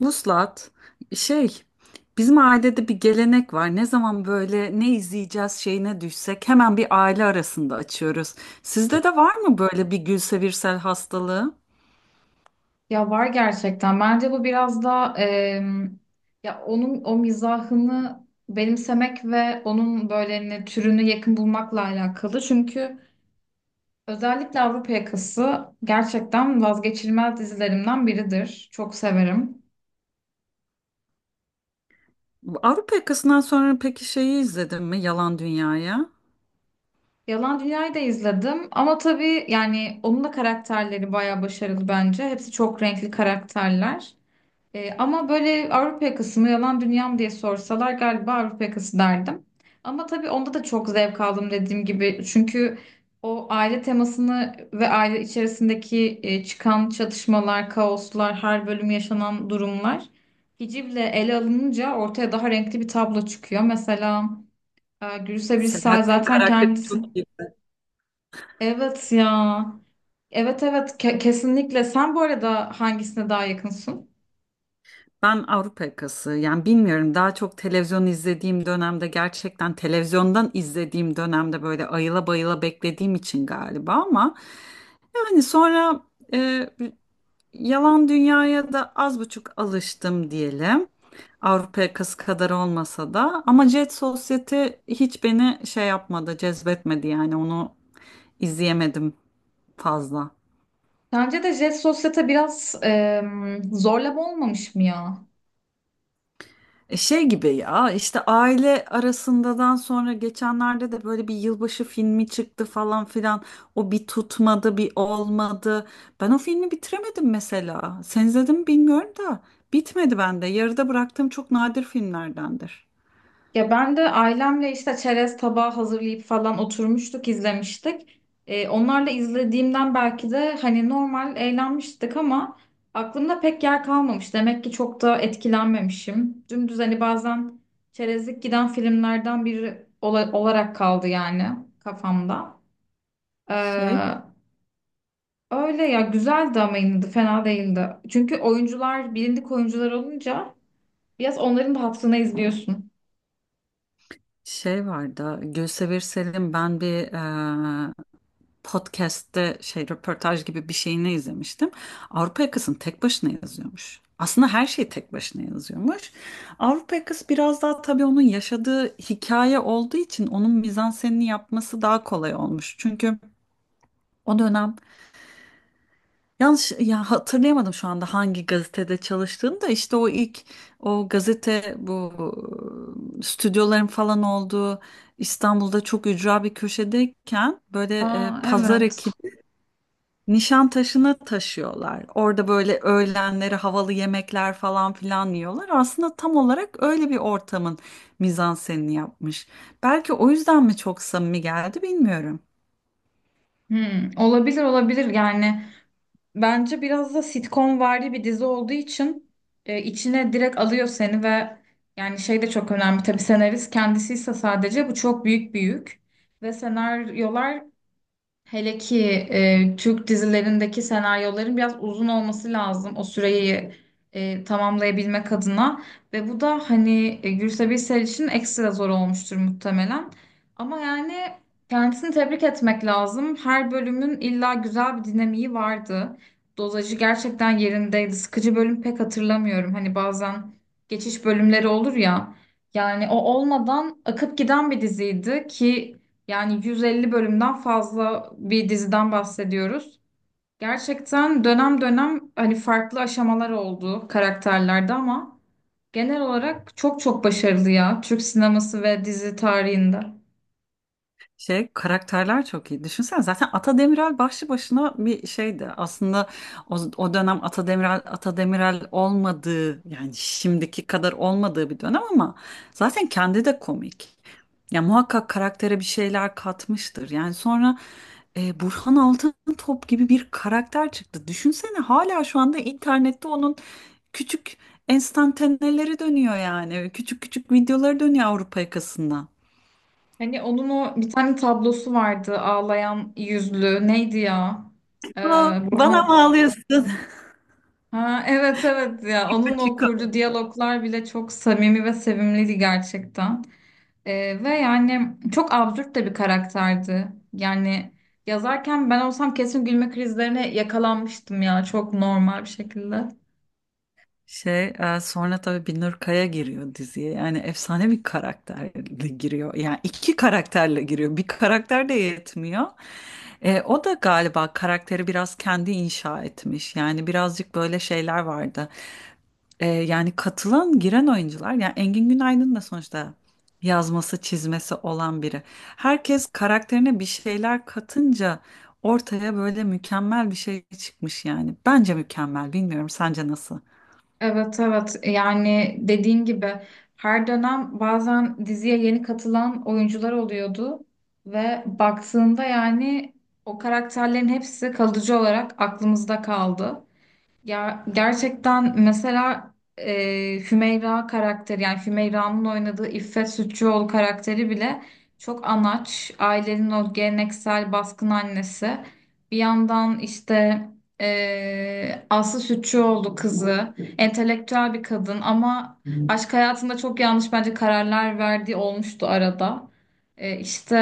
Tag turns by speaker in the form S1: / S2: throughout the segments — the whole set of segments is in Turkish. S1: Vuslat, şey, bizim ailede bir gelenek var. Ne zaman böyle ne izleyeceğiz şeyine düşsek hemen bir aile arasında açıyoruz. Sizde de var mı böyle bir Gülsevirsel hastalığı?
S2: Ya var gerçekten. Bence bu biraz da ya onun o mizahını benimsemek ve onun böyle türünü yakın bulmakla alakalı. Çünkü özellikle Avrupa Yakası gerçekten vazgeçilmez dizilerimden biridir. Çok severim.
S1: Avrupa Yakası'ndan sonra peki şeyi izledin mi? Yalan Dünya'ya.
S2: Yalan Dünya'yı da izledim ama tabii yani onun da karakterleri bayağı başarılı bence. Hepsi çok renkli karakterler. Ama böyle Avrupa yakası mı yalan dünyam diye sorsalar galiba Avrupa yakası derdim. Ama tabii onda da çok zevk aldım dediğim gibi. Çünkü o aile temasını ve aile içerisindeki çıkan çatışmalar, kaoslar, her bölüm yaşanan durumlar hicivle ele alınınca ortaya daha renkli bir tablo çıkıyor. Mesela Gülse Birsel
S1: Selahattin
S2: zaten
S1: karakteri
S2: kendisi...
S1: çok iyi.
S2: Evet ya. Evet, evet, kesinlikle. Sen bu arada hangisine daha yakınsın?
S1: Ben Avrupa Yakası yani bilmiyorum daha çok televizyon izlediğim dönemde gerçekten televizyondan izlediğim dönemde böyle ayıla bayıla beklediğim için galiba ama yani sonra Yalan dünyaya da az buçuk alıştım diyelim. Avrupa yakası kadar olmasa da ama Jet Society hiç beni şey yapmadı, cezbetmedi yani onu izleyemedim fazla.
S2: Sence de Jet Sosyete biraz zorlama olmamış mı ya?
S1: Şey gibi ya işte aile arasındadan sonra geçenlerde de böyle bir yılbaşı filmi çıktı falan filan. O bir tutmadı, bir olmadı. Ben o filmi bitiremedim mesela. Sen izledin mi bilmiyorum da bitmedi bende. Yarıda bıraktığım çok nadir filmlerdendir.
S2: Ya ben de ailemle işte çerez tabağı hazırlayıp falan oturmuştuk, izlemiştik. Onlarla izlediğimden belki de hani normal eğlenmiştik ama aklımda pek yer kalmamış. Demek ki çok da etkilenmemişim. Dümdüz hani bazen çerezlik giden filmlerden biri olarak kaldı yani kafamda. Ee,
S1: Şey
S2: Öyle ya, güzeldi ama yine de fena değildi. Çünkü oyuncular bilindik oyuncular olunca biraz onların da hatırına izliyorsun.
S1: Şey vardı, Gülsever Sel'in ben bir e, podcast'te şey röportaj gibi bir şeyini izlemiştim. Avrupa Yakası'nı tek başına yazıyormuş. Aslında her şeyi tek başına yazıyormuş. Avrupa Yakası biraz daha tabii onun yaşadığı hikaye olduğu için onun mizansenini yapması daha kolay olmuş. Çünkü o dönem Yanlış ya hatırlayamadım şu anda hangi gazetede çalıştığını da işte o ilk o gazete bu stüdyoların falan olduğu İstanbul'da çok ücra bir köşedeyken böyle
S2: Aa,
S1: pazar
S2: evet.
S1: ekini Nişantaşı'na taşıyorlar. Orada böyle öğlenleri havalı yemekler falan filan yiyorlar. Aslında tam olarak öyle bir ortamın mizansenini yapmış. Belki o yüzden mi çok samimi geldi bilmiyorum.
S2: Hmm, olabilir, olabilir. Yani bence biraz da sitcom vari bir dizi olduğu için içine direkt alıyor seni. Ve yani şey de çok önemli tabii, senarist kendisi ise sadece bu çok büyük ve senaryolar. Hele ki Türk dizilerindeki senaryoların biraz uzun olması lazım o süreyi tamamlayabilmek adına. Ve bu da hani Gülse Birsel için ekstra zor olmuştur muhtemelen. Ama yani kendisini tebrik etmek lazım. Her bölümün illa güzel bir dinamiği vardı. Dozajı gerçekten yerindeydi. Sıkıcı bölüm pek hatırlamıyorum. Hani bazen geçiş bölümleri olur ya. Yani o olmadan akıp giden bir diziydi ki, yani 150 bölümden fazla bir diziden bahsediyoruz. Gerçekten dönem dönem hani farklı aşamalar oldu karakterlerde ama genel olarak çok çok başarılı ya, Türk sineması ve dizi tarihinde.
S1: Şey karakterler çok iyi. Düşünsene zaten Ata Demiral başlı başına bir şeydi. Aslında o, o dönem Ata Demiral Ata Demiral olmadığı yani şimdiki kadar olmadığı bir dönem ama zaten kendi de komik. Ya muhakkak karaktere bir şeyler katmıştır. Yani sonra Burhan Altıntop gibi bir karakter çıktı. Düşünsene hala şu anda internette onun küçük enstantaneleri dönüyor yani. Küçük küçük videoları dönüyor Avrupa yakasında.
S2: Hani onun o bir tane tablosu vardı, ağlayan yüzlü, neydi ya? Ee,
S1: Aa, bana
S2: Burhan.
S1: mı ağlıyorsun?
S2: Ha, evet, evet ya,
S1: Tipo,
S2: onun da
S1: te
S2: o kurduğu diyaloglar bile çok samimi ve sevimliydi gerçekten. Ve yani çok absürt de bir karakterdi. Yani yazarken ben olsam kesin gülme krizlerine yakalanmıştım ya, çok normal bir şekilde.
S1: Sonra tabii Binur Kaya giriyor diziye. Yani efsane bir karakterle giriyor. Yani iki karakterle giriyor. Bir karakter de yetmiyor. O da galiba karakteri biraz kendi inşa etmiş. Yani birazcık böyle şeyler vardı. Yani katılan, giren oyuncular. Yani Engin Günaydın da sonuçta yazması, çizmesi olan biri. Herkes karakterine bir şeyler katınca ortaya böyle mükemmel bir şey çıkmış yani. Bence mükemmel. Bilmiyorum sence nasıl?
S2: Evet, evet, yani dediğin gibi her dönem bazen diziye yeni katılan oyuncular oluyordu ve baktığında yani o karakterlerin hepsi kalıcı olarak aklımızda kaldı. Ya gerçekten, mesela Hümeyra karakteri, yani Hümeyra'nın oynadığı İffet Sütçüoğlu karakteri bile çok anaç. Ailenin o geleneksel baskın annesi. Bir yandan işte Aslı Sütçüoğlu kızı entelektüel bir kadın ama aşk hayatında çok yanlış bence kararlar verdiği olmuştu arada. E, işte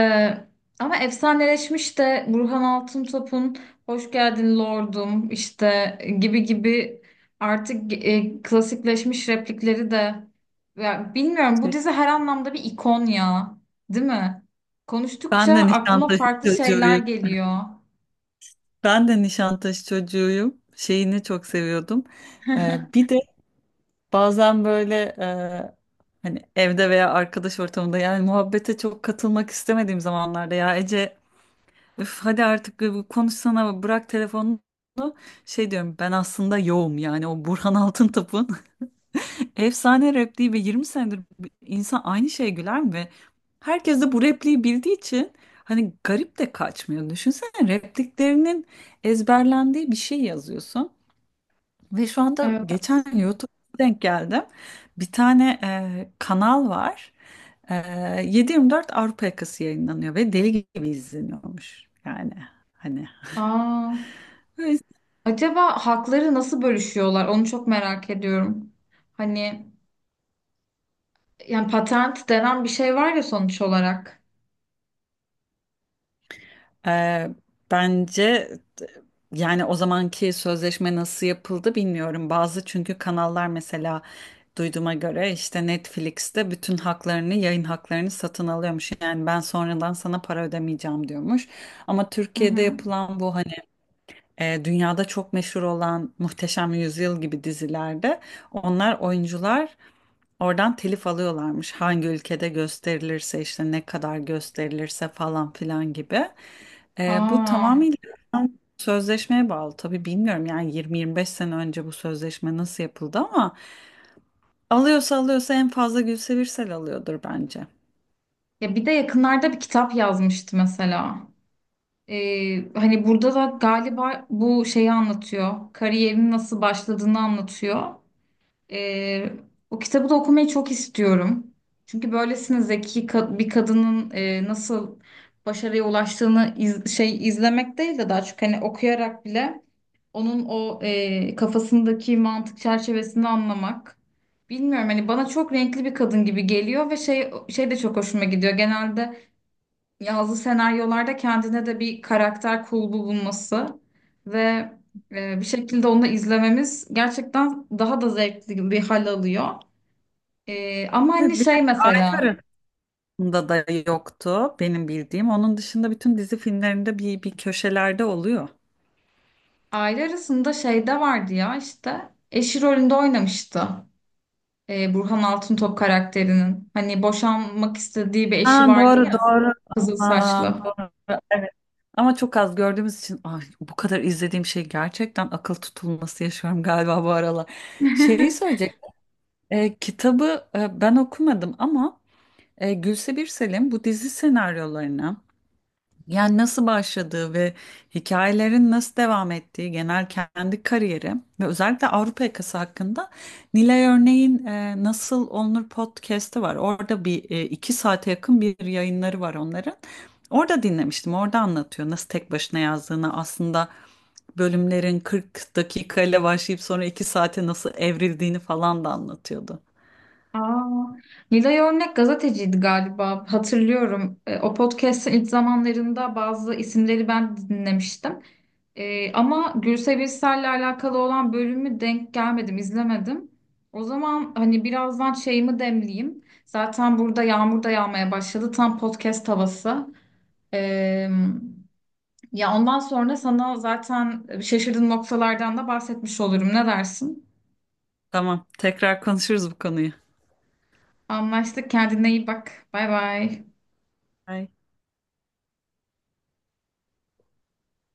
S2: ama efsaneleşmiş de Burhan Altıntop'un "Hoş geldin lordum" işte gibi gibi artık klasikleşmiş replikleri de. Ya bilmiyorum, bu dizi her anlamda bir ikon ya, değil mi?
S1: Ben
S2: Konuştukça
S1: de
S2: aklıma
S1: Nişantaşı
S2: farklı şeyler
S1: çocuğuyum.
S2: geliyor.
S1: Ben de Nişantaşı çocuğuyum. Şeyini çok seviyordum. Bir de bazen böyle hani evde veya arkadaş ortamında yani muhabbete çok katılmak istemediğim zamanlarda ya Ece üf, hadi artık bir konuşsana bırak telefonunu şey diyorum ben aslında yoğum yani o Burhan Altıntop'un Efsane repliği ve 20 senedir bu- insan aynı şeye güler mi? Herkes de bu repliği bildiği için hani garip de kaçmıyor. Düşünsene repliklerinin ezberlendiği bir şey yazıyorsun. Ve şu anda
S2: Evet.
S1: geçen YouTube'a denk geldim. Bir tane kanal var. E, 7/24 Avrupa Yakası yayınlanıyor ve deli gibi izleniyormuş. Yani hani
S2: Aa,
S1: böyle
S2: acaba hakları nasıl bölüşüyorlar, onu çok merak ediyorum. Hani yani patent denen bir şey var ya, sonuç olarak.
S1: Ee, bence yani o zamanki sözleşme nasıl yapıldı bilmiyorum. Bazı çünkü kanallar mesela duyduğuma göre işte Netflix'te bütün haklarını, yayın haklarını satın alıyormuş. Yani ben sonradan sana para ödemeyeceğim diyormuş. Ama
S2: Hı hı.
S1: Türkiye'de yapılan bu hani dünyada çok meşhur olan Muhteşem Yüzyıl gibi dizilerde onlar oyuncular oradan telif alıyorlarmış. Hangi ülkede gösterilirse işte ne kadar gösterilirse falan filan gibi. Bu
S2: Aa,
S1: tamamıyla sözleşmeye bağlı. Tabii bilmiyorum yani 20-25 sene önce bu sözleşme nasıl yapıldı ama alıyorsa alıyorsa en fazla Gülse Birsel alıyordur bence.
S2: ya bir de yakınlarda bir kitap yazmıştı mesela. Hani burada da galiba bu şeyi anlatıyor. Kariyerin nasıl başladığını anlatıyor. Ee, O kitabı da okumayı çok istiyorum. Çünkü böylesine zeki bir kadının nasıl başarıya ulaştığını şey, izlemek değil de daha çok hani okuyarak bile onun o kafasındaki mantık çerçevesini anlamak. Bilmiyorum, hani bana çok renkli bir kadın gibi geliyor ve şey de çok hoşuma gidiyor. Genelde yazdığı senaryolarda kendine de bir karakter kulbu bulması ve bir şekilde onu izlememiz gerçekten daha da zevkli bir hal alıyor. Ama
S1: Evet,
S2: hani
S1: bir
S2: şey,
S1: tek
S2: mesela
S1: aile arasında da yoktu benim bildiğim. Onun dışında bütün dizi filmlerinde bir, bir köşelerde oluyor.
S2: aile arasında şeyde vardı ya, işte eşi rolünde oynamıştı. Burhan Altıntop karakterinin. Hani boşanmak istediği bir eşi
S1: Ha,
S2: vardı
S1: doğru
S2: ya,
S1: doğru.
S2: kızıl
S1: Aman
S2: saçlı.
S1: doğru. Evet. Ama çok az gördüğümüz için ay, bu kadar izlediğim şey gerçekten akıl tutulması yaşıyorum galiba bu aralar. Şeyi söyleyecek. Kitabı ben okumadım ama Gülse Birsel'in bu dizi senaryolarını yani nasıl başladığı ve hikayelerin nasıl devam ettiği genel kendi kariyeri ve özellikle Avrupa yakası hakkında Nilay Örneğin Nasıl Olunur podcast'i var. Orada bir 2 saate yakın bir yayınları var onların. Orada dinlemiştim. Orada anlatıyor nasıl tek başına yazdığını aslında bölümlerin 40 dakikayla başlayıp sonra 2 saate nasıl evrildiğini falan da anlatıyordu.
S2: Aa, Nilay Örnek gazeteciydi galiba, hatırlıyorum. O podcast'in ilk zamanlarında bazı isimleri ben de dinlemiştim. Ama Gülse Birsel'le alakalı olan bölümü denk gelmedim, izlemedim. O zaman hani birazdan şeyimi demleyeyim. Zaten burada yağmur da yağmaya başladı. Tam podcast havası. E, Ya ondan sonra sana zaten şaşırdığın noktalardan da bahsetmiş olurum. Ne dersin?
S1: Tamam, tekrar konuşuruz bu konuyu.
S2: Anlaştık. Kendine iyi bak. Bay bay.
S1: Bye.